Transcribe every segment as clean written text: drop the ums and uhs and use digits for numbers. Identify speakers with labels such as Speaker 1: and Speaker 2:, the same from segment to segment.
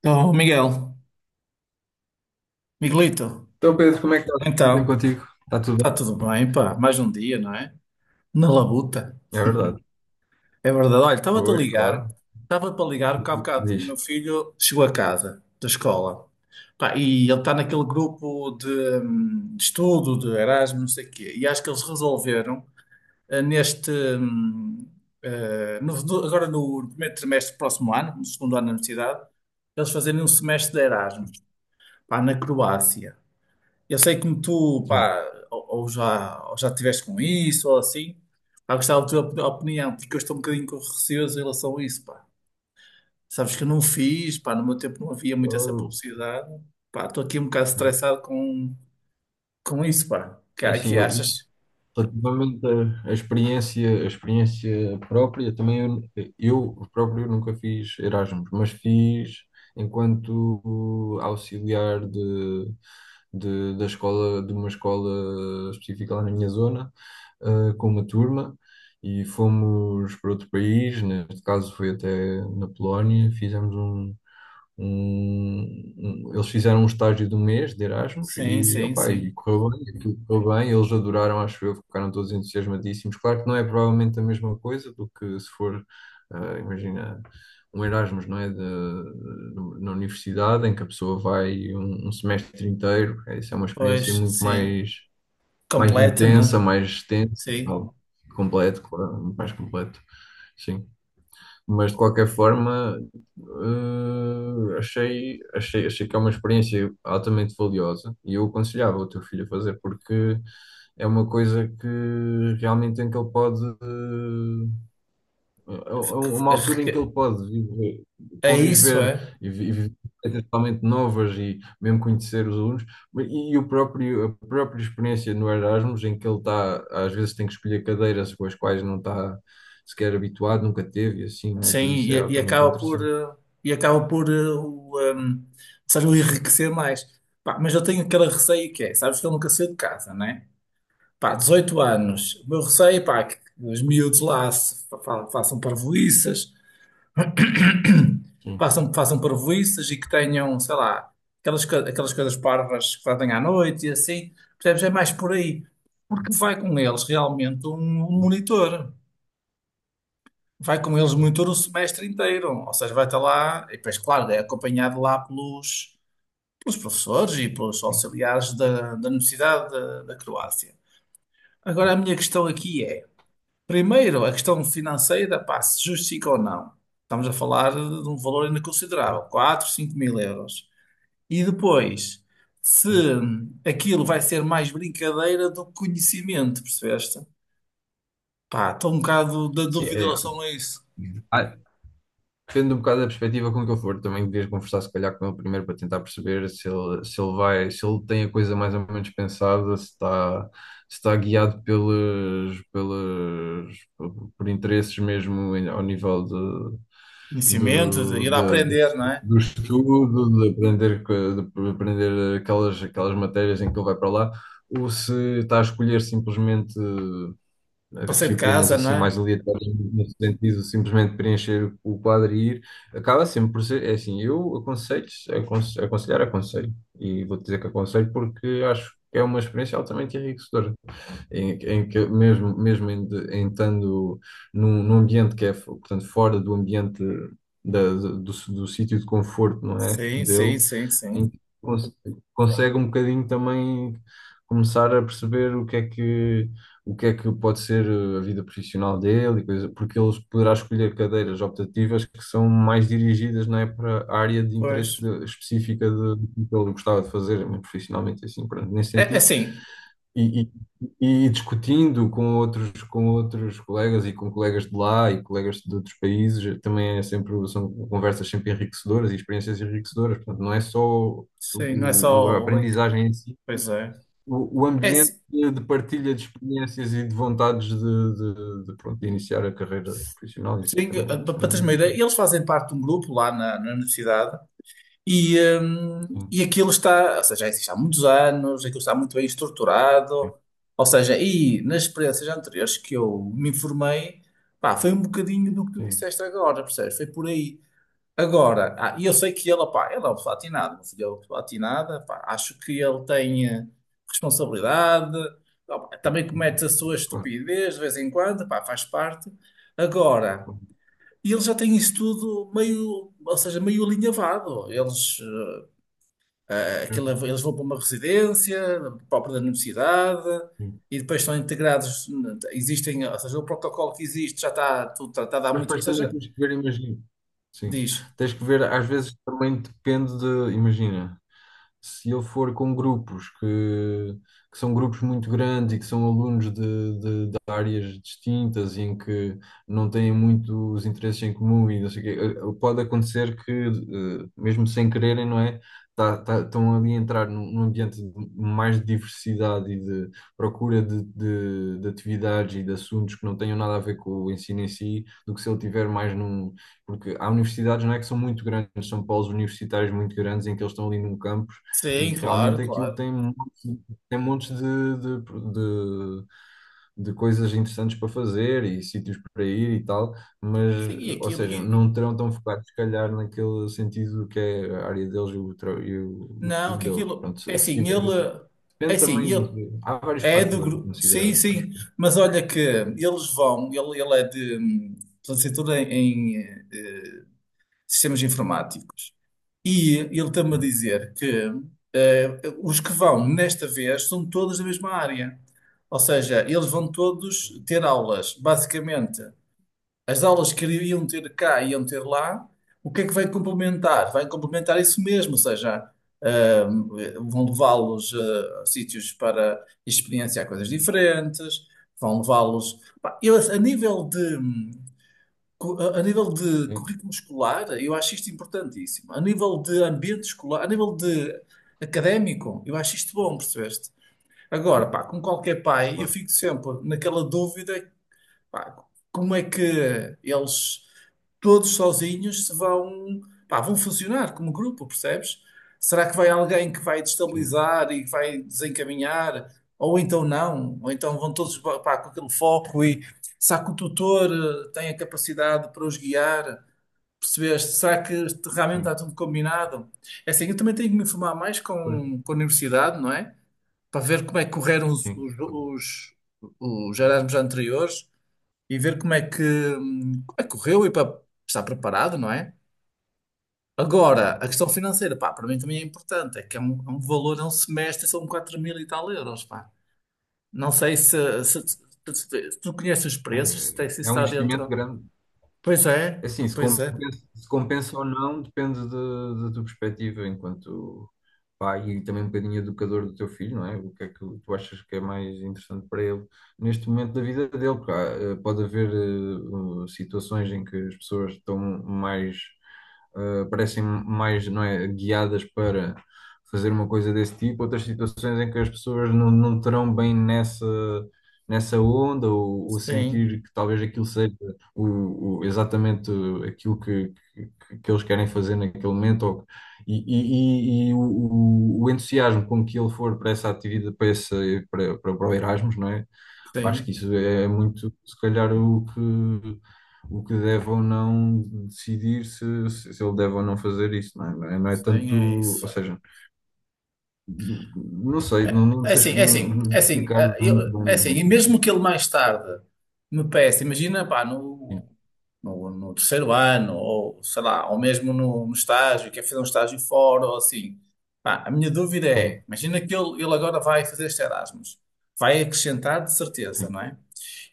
Speaker 1: Então, Miguel, Miguelito,
Speaker 2: Então, Pedro, como é que está tudo bem
Speaker 1: então,
Speaker 2: contigo? Está tudo
Speaker 1: está
Speaker 2: bem?
Speaker 1: tudo bem, pá, mais um dia, não é? Na labuta,
Speaker 2: É verdade.
Speaker 1: é verdade. Olha,
Speaker 2: Pois, claro.
Speaker 1: estava para ligar, porque há bocado o
Speaker 2: Diz.
Speaker 1: meu filho chegou a casa da escola, pá, e ele está naquele grupo de estudo, de Erasmus, não sei o quê, e acho que eles resolveram, eh, neste, eh, no- no- agora no primeiro trimestre do próximo ano, no segundo ano da universidade, eles fazerem um semestre de Erasmus, pá, na Croácia. Eu sei como tu,
Speaker 2: Sim.
Speaker 1: pá, ou já tiveste com isso, ou assim, pá, gostava da tua opinião, porque eu estou um bocadinho com receoso em relação a isso, pá. Sabes que eu não fiz, pá, no meu tempo não havia muito essa
Speaker 2: Eu-
Speaker 1: publicidade, pá, estou aqui um bocado estressado com isso, pá.
Speaker 2: É
Speaker 1: Que,
Speaker 2: assim,
Speaker 1: que
Speaker 2: eu,
Speaker 1: achas?
Speaker 2: relativamente à experiência, à experiência própria, também eu próprio nunca fiz Erasmus, mas fiz enquanto auxiliar de, da escola, de uma escola específica lá na minha zona, com uma turma. E fomos para outro país, neste caso foi até na Polónia, fizemos um- eles fizeram um estágio de um mês de Erasmus
Speaker 1: Sim,
Speaker 2: e,
Speaker 1: sim,
Speaker 2: opa, e
Speaker 1: sim.
Speaker 2: correu bem, aquilo correu bem, eles adoraram, acho eu, ficaram todos entusiasmadíssimos. Claro que não é provavelmente a mesma coisa do que se for, ah, imagina, um Erasmus, não é? De, no- Na universidade, em que a pessoa vai um semestre inteiro. É isso, é uma experiência
Speaker 1: Pois,
Speaker 2: muito
Speaker 1: sim.
Speaker 2: mais, mais
Speaker 1: Completa,
Speaker 2: intensa,
Speaker 1: não?
Speaker 2: mais extensa, e
Speaker 1: Sim.
Speaker 2: tal. Completo, claro, mais completo, sim, mas de qualquer forma, achei que é uma experiência altamente valiosa e eu aconselhava o teu filho a fazer, porque é uma coisa que realmente em que ele pode uma altura em que
Speaker 1: É
Speaker 2: ele pode
Speaker 1: é isso,
Speaker 2: conviver
Speaker 1: é.
Speaker 2: e viver coisas totalmente novas e mesmo conhecer os alunos, e o próprio, a própria experiência no Erasmus, em que ele está, às vezes tem que escolher cadeiras com as quais não está sequer habituado, nunca teve, e assim, não é? Tudo
Speaker 1: Sim,
Speaker 2: isso
Speaker 1: e,
Speaker 2: é
Speaker 1: e
Speaker 2: altamente
Speaker 1: acaba por,
Speaker 2: interessante.
Speaker 1: eh, e acaba por eh, ou seja, o enriquecer mais. Pá, mas eu tenho aquele receio que é, sabes que eu nunca saí de casa, né? Pá, dezoito
Speaker 2: Sim,
Speaker 1: anos, o meu receio, pá, é que os miúdos lá se façam parvoíças,
Speaker 2: sim,
Speaker 1: façam parvoíças e que tenham, sei lá, aquelas coisas parvas que fazem à noite e assim, percebes? É mais por aí, porque vai com eles realmente um monitor. Vai com eles
Speaker 2: claro.
Speaker 1: muito o semestre inteiro, ou seja, vai estar lá, e depois, claro, é acompanhado lá pelos professores e pelos
Speaker 2: Sim,
Speaker 1: auxiliares da Universidade da Croácia. Agora, a minha questão aqui é, primeiro, a questão financeira, pá, se justifica ou não. Estamos a falar de um valor ainda considerável, 4, 5 mil euros. E depois, se
Speaker 2: sim.
Speaker 1: aquilo vai ser mais brincadeira do que conhecimento, percebeste? Pá, estou um bocado da
Speaker 2: Sim,
Speaker 1: dúvida em relação a isso.
Speaker 2: é. Depende um bocado da perspectiva com que eu for. Também devias conversar, se calhar, com ele primeiro para tentar perceber se ele, se ele vai, se ele tem a coisa mais ou menos pensada, se está, se está guiado por interesses mesmo ao nível de,
Speaker 1: Conhecimento, de
Speaker 2: do,
Speaker 1: ir a
Speaker 2: da- do,
Speaker 1: aprender, não é?
Speaker 2: do estudo, de aprender, de aprender aquelas, aquelas matérias em que ele vai para lá, ou se está a escolher simplesmente
Speaker 1: Passei de
Speaker 2: disciplinas
Speaker 1: casa, não
Speaker 2: assim
Speaker 1: é?
Speaker 2: mais aleatórias no sentido de simplesmente preencher o quadro e ir, acaba sempre por ser, é assim, eu aconselho, e vou dizer que aconselho, porque acho que é uma experiência altamente enriquecedora em, em que mesmo, mesmo em, em estando num ambiente que é, portanto, fora do ambiente do sítio de conforto, não é?
Speaker 1: Sim, sim,
Speaker 2: Dele,
Speaker 1: sim,
Speaker 2: em
Speaker 1: sim.
Speaker 2: que consegue um bocadinho também começar a perceber o que é que o que é que pode ser a vida profissional dele, e coisa, porque ele poderá escolher cadeiras optativas que são mais dirigidas, não é, para a área de
Speaker 1: Pois.
Speaker 2: interesse específica de, do que ele gostava de fazer, profissionalmente assim, pronto. Nesse
Speaker 1: É
Speaker 2: sentido,
Speaker 1: sim.
Speaker 2: e, e- e discutindo com outros colegas e com colegas de lá e colegas de outros países, também é sempre, são conversas sempre enriquecedoras e experiências enriquecedoras. Portanto, não é só
Speaker 1: Sim, não é
Speaker 2: a
Speaker 1: só o link.
Speaker 2: aprendizagem em si,
Speaker 1: Pois é.
Speaker 2: o
Speaker 1: É
Speaker 2: ambiente
Speaker 1: sim,
Speaker 2: de partilha de experiências e de vontades pronto, de iniciar a carreira profissional, e assim
Speaker 1: sim,
Speaker 2: também,
Speaker 1: para
Speaker 2: isto é
Speaker 1: teres
Speaker 2: muito
Speaker 1: uma ideia,
Speaker 2: interessante.
Speaker 1: eles fazem parte de um grupo lá na universidade e, hum,
Speaker 2: Sim,
Speaker 1: e aquilo está, ou seja, já existe há muitos anos, aquilo está muito bem
Speaker 2: sim,
Speaker 1: estruturado. Ou seja, e nas experiências anteriores que eu me informei, pá, foi um bocadinho do que tu
Speaker 2: sim.
Speaker 1: disseste agora, percebes? Foi por aí. Agora, ah, e eu sei que ele, pá, ele é o platinado, meu filho é o platinado, pá, acho que ele tem responsabilidade, ah, pá, também comete a sua
Speaker 2: Claro.
Speaker 1: estupidez de vez em quando, pá, faz parte. Agora, ele já tem isso tudo meio, ou seja, meio alinhavado. Eles, eh, eh, aquilo-
Speaker 2: Claro.
Speaker 1: eles vão para uma residência própria da universidade e depois estão integrados, existem, ou seja, o protocolo que existe já está tudo tratado há
Speaker 2: Mas
Speaker 1: muito, ou
Speaker 2: depois também
Speaker 1: seja,
Speaker 2: temos que ver, imagino. Sim.
Speaker 1: diz,
Speaker 2: Tens que ver, às vezes também depende de, imagina, se eu for com grupos que são grupos muito grandes e que são alunos de áreas distintas e em que não têm muitos interesses em comum e não sei o quê, pode acontecer que, mesmo sem quererem, não é? Estão ali a entrar num ambiente de mais de diversidade e de procura de atividades e de assuntos que não tenham nada a ver com o ensino em si, do que se ele tiver mais num, porque há universidades, não é, que são muito grandes, são polos universitários muito grandes em que eles estão ali num campus e
Speaker 1: sim,
Speaker 2: que
Speaker 1: claro,
Speaker 2: realmente aquilo
Speaker 1: claro.
Speaker 2: tem montes de, de coisas interessantes para fazer e sítios para ir e tal, mas,
Speaker 1: Sim, e
Speaker 2: ou
Speaker 1: aquilo.
Speaker 2: seja, não terão tão focados se calhar naquele sentido que é a área deles e e o
Speaker 1: Não,
Speaker 2: estudo
Speaker 1: que
Speaker 2: deles.
Speaker 1: aquilo.
Speaker 2: Pronto, se tiver,
Speaker 1: É
Speaker 2: depende
Speaker 1: assim,
Speaker 2: também,
Speaker 1: ele
Speaker 2: há vários
Speaker 1: é do
Speaker 2: fatores a
Speaker 1: grupo.
Speaker 2: considerar,
Speaker 1: Sim,
Speaker 2: acho
Speaker 1: sim.
Speaker 2: que
Speaker 1: Mas olha que eles vão. Ele é de. Licenciatura em sistemas informáticos. E ele está-me a dizer que os que vão nesta vez são todos da mesma área. Ou seja, eles vão todos
Speaker 2: sim,
Speaker 1: ter aulas, basicamente. As aulas que iriam ter cá e iam ter lá, o que é que vai complementar? Vai complementar isso mesmo, ou seja, ah, vão levá-los a sítios para experienciar coisas diferentes, vão levá-los. Pá, eu, a nível de
Speaker 2: sim,
Speaker 1: currículo escolar, eu acho isto importantíssimo. A nível de ambiente escolar, a nível de académico, eu acho isto bom, percebeste? Agora, pá, com qualquer pai, eu
Speaker 2: claro,
Speaker 1: fico sempre naquela dúvida. Pá, como é que eles todos sozinhos se vão, pá, vão funcionar como grupo, percebes? Será que vai alguém que vai
Speaker 2: sim,
Speaker 1: destabilizar e que vai desencaminhar? Ou então não? Ou então vão todos, pá, com aquele foco e será que o tutor tem a capacidade para os guiar? Percebeste? Será que realmente está
Speaker 2: sim,
Speaker 1: tudo combinado? É assim, eu também tenho que me informar mais
Speaker 2: pois,
Speaker 1: com a universidade, não é? Para ver como é que correram os,
Speaker 2: sim,
Speaker 1: os,
Speaker 2: claro.
Speaker 1: os, os Erasmus anteriores e ver como é que correu e para estar preparado, não é? Agora, a
Speaker 2: Claro.
Speaker 1: questão financeira, pá, para mim também é importante, é que é um, valor, é um semestre, são 4 mil e tal euros, pá. Não sei se tu conheces os preços, se, tem-
Speaker 2: Olha,
Speaker 1: se isso
Speaker 2: é um
Speaker 1: está
Speaker 2: investimento
Speaker 1: dentro.
Speaker 2: grande.
Speaker 1: Pois
Speaker 2: É
Speaker 1: é,
Speaker 2: assim, se
Speaker 1: pois é.
Speaker 2: compensa, se compensa ou não, depende da tua perspectiva enquanto pai e também um bocadinho educador do teu filho, não é? O que é que tu achas que é mais interessante para ele neste momento da vida dele? Porque há, pode haver situações em que as pessoas estão mais, parecem mais, não é, guiadas para fazer uma coisa desse tipo, outras situações em que as pessoas não, não terão bem nessa, nessa onda ou
Speaker 1: Sim,
Speaker 2: sentir que talvez aquilo seja exatamente aquilo que eles querem fazer naquele momento ou- e o entusiasmo com que ele for para essa atividade, para, essa, para o Erasmus, não é? Acho que
Speaker 1: sim,
Speaker 2: isso é muito, se calhar, o que deve ou não decidir se, se se ele deve ou não fazer isso, não é? Não é, não é
Speaker 1: sim, é
Speaker 2: tanto, ou
Speaker 1: isso.
Speaker 2: seja, não sei, não, não
Speaker 1: É
Speaker 2: sei
Speaker 1: assim, é
Speaker 2: não,
Speaker 1: assim,
Speaker 2: não
Speaker 1: é assim,
Speaker 2: explicar muito bem,
Speaker 1: e mesmo
Speaker 2: mas,
Speaker 1: que ele mais tarde me peça, imagina, pá,
Speaker 2: sim,
Speaker 1: no terceiro ano, ou sei lá, ou mesmo no estágio, quer fazer um estágio fora, ou assim, pá, a minha dúvida é,
Speaker 2: bom,
Speaker 1: imagina que ele agora vai fazer este Erasmus, vai acrescentar de certeza,
Speaker 2: sim,
Speaker 1: não é?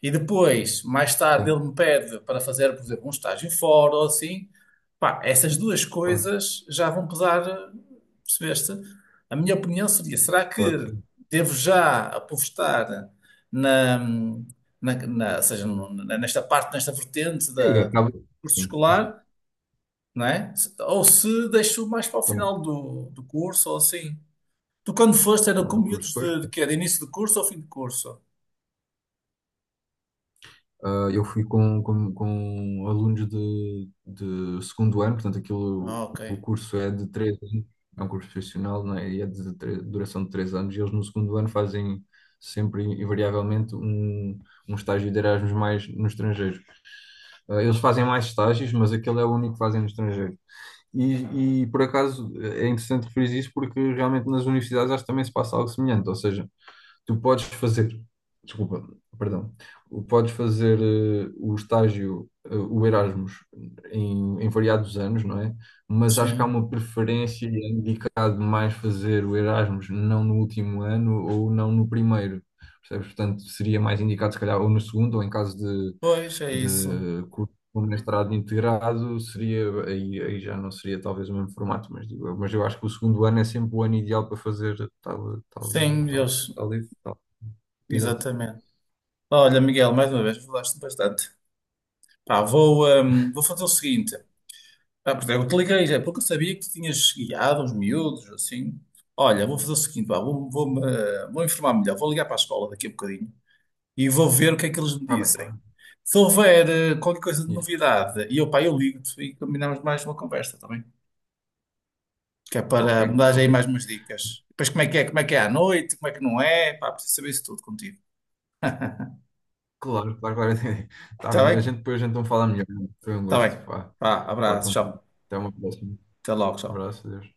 Speaker 1: E depois, mais tarde,
Speaker 2: sim,
Speaker 1: ele me pede para fazer, por exemplo, um estágio fora ou assim. Pá, essas duas
Speaker 2: claro,
Speaker 1: coisas já vão pesar, percebeste? A minha opinião seria: será que
Speaker 2: claro que sim.
Speaker 1: devo já apostar na, na, na- ou seja, no- na- nesta parte, nesta vertente
Speaker 2: E aí,
Speaker 1: do
Speaker 2: acaba,
Speaker 1: curso
Speaker 2: sim, mas,
Speaker 1: escolar, não é? Ou se deixo mais para o
Speaker 2: claro,
Speaker 1: final do curso ou assim? Tu, quando foste, era
Speaker 2: lá
Speaker 1: com
Speaker 2: no curso
Speaker 1: miúdos
Speaker 2: depois.
Speaker 1: de quê? De início de curso ou fim de curso?
Speaker 2: Ah, eu fui com alunos de segundo ano, portanto,
Speaker 1: Ah,
Speaker 2: aquilo,
Speaker 1: ok.
Speaker 2: o curso é de três anos, é um curso profissional, não é? E é de duração de três anos, e eles no segundo ano fazem sempre, invariavelmente, um estágio de Erasmus mais no estrangeiro. Ah, eles fazem mais estágios, mas aquele é o único que fazem no estrangeiro. E por acaso é interessante referir isso, porque realmente nas universidades acho que também se passa algo semelhante, ou seja, tu podes fazer, desculpa, perdão, podes fazer o estágio, o Erasmus, em, em variados anos, não é? Mas acho que há
Speaker 1: Sim.
Speaker 2: uma preferência e é indicado mais fazer o Erasmus não no último ano ou não no primeiro, percebes? Portanto, seria mais indicado, se calhar, ou no segundo, ou em caso
Speaker 1: Pois, é isso.
Speaker 2: de curso com mestrado integrado, seria, aí, aí já não seria talvez o mesmo formato, mas digo eu. Mas eu acho que o segundo ano é sempre o ano ideal para fazer tal, tal,
Speaker 1: Sim,
Speaker 2: tal.
Speaker 1: eles,
Speaker 2: Está livre? Está convidado.
Speaker 1: exatamente. Olha, Miguel, mais uma vez, falaste bastante. Pá, vou fazer o seguinte. Ah, porque eu te liguei já, porque eu sabia que tu tinhas guiado uns miúdos, assim. Olha, vou fazer o seguinte, pá, vou informar melhor, vou ligar para a escola daqui a bocadinho e vou ver o que é que eles me
Speaker 2: Está bem, está
Speaker 1: dizem.
Speaker 2: bem.
Speaker 1: Se houver qualquer coisa de
Speaker 2: E-
Speaker 1: novidade, e eu, pá, eu ligo-te e combinamos mais uma conversa também. Que é
Speaker 2: Ok,
Speaker 1: para me dar aí
Speaker 2: ok.
Speaker 1: mais umas dicas. Depois como é que é à noite, como é que não é, pá, preciso saber isso tudo contigo.
Speaker 2: Claro, claro, claro. Está
Speaker 1: Está
Speaker 2: bem. A
Speaker 1: bem?
Speaker 2: gente depois a gente então fala melhor. Né? Foi um
Speaker 1: Tá bem.
Speaker 2: gosto, pá,
Speaker 1: Vá,
Speaker 2: falar
Speaker 1: abraço,
Speaker 2: contigo.
Speaker 1: tchau.
Speaker 2: Até uma próxima.
Speaker 1: Até logo, tchau.
Speaker 2: Abraço, adeus.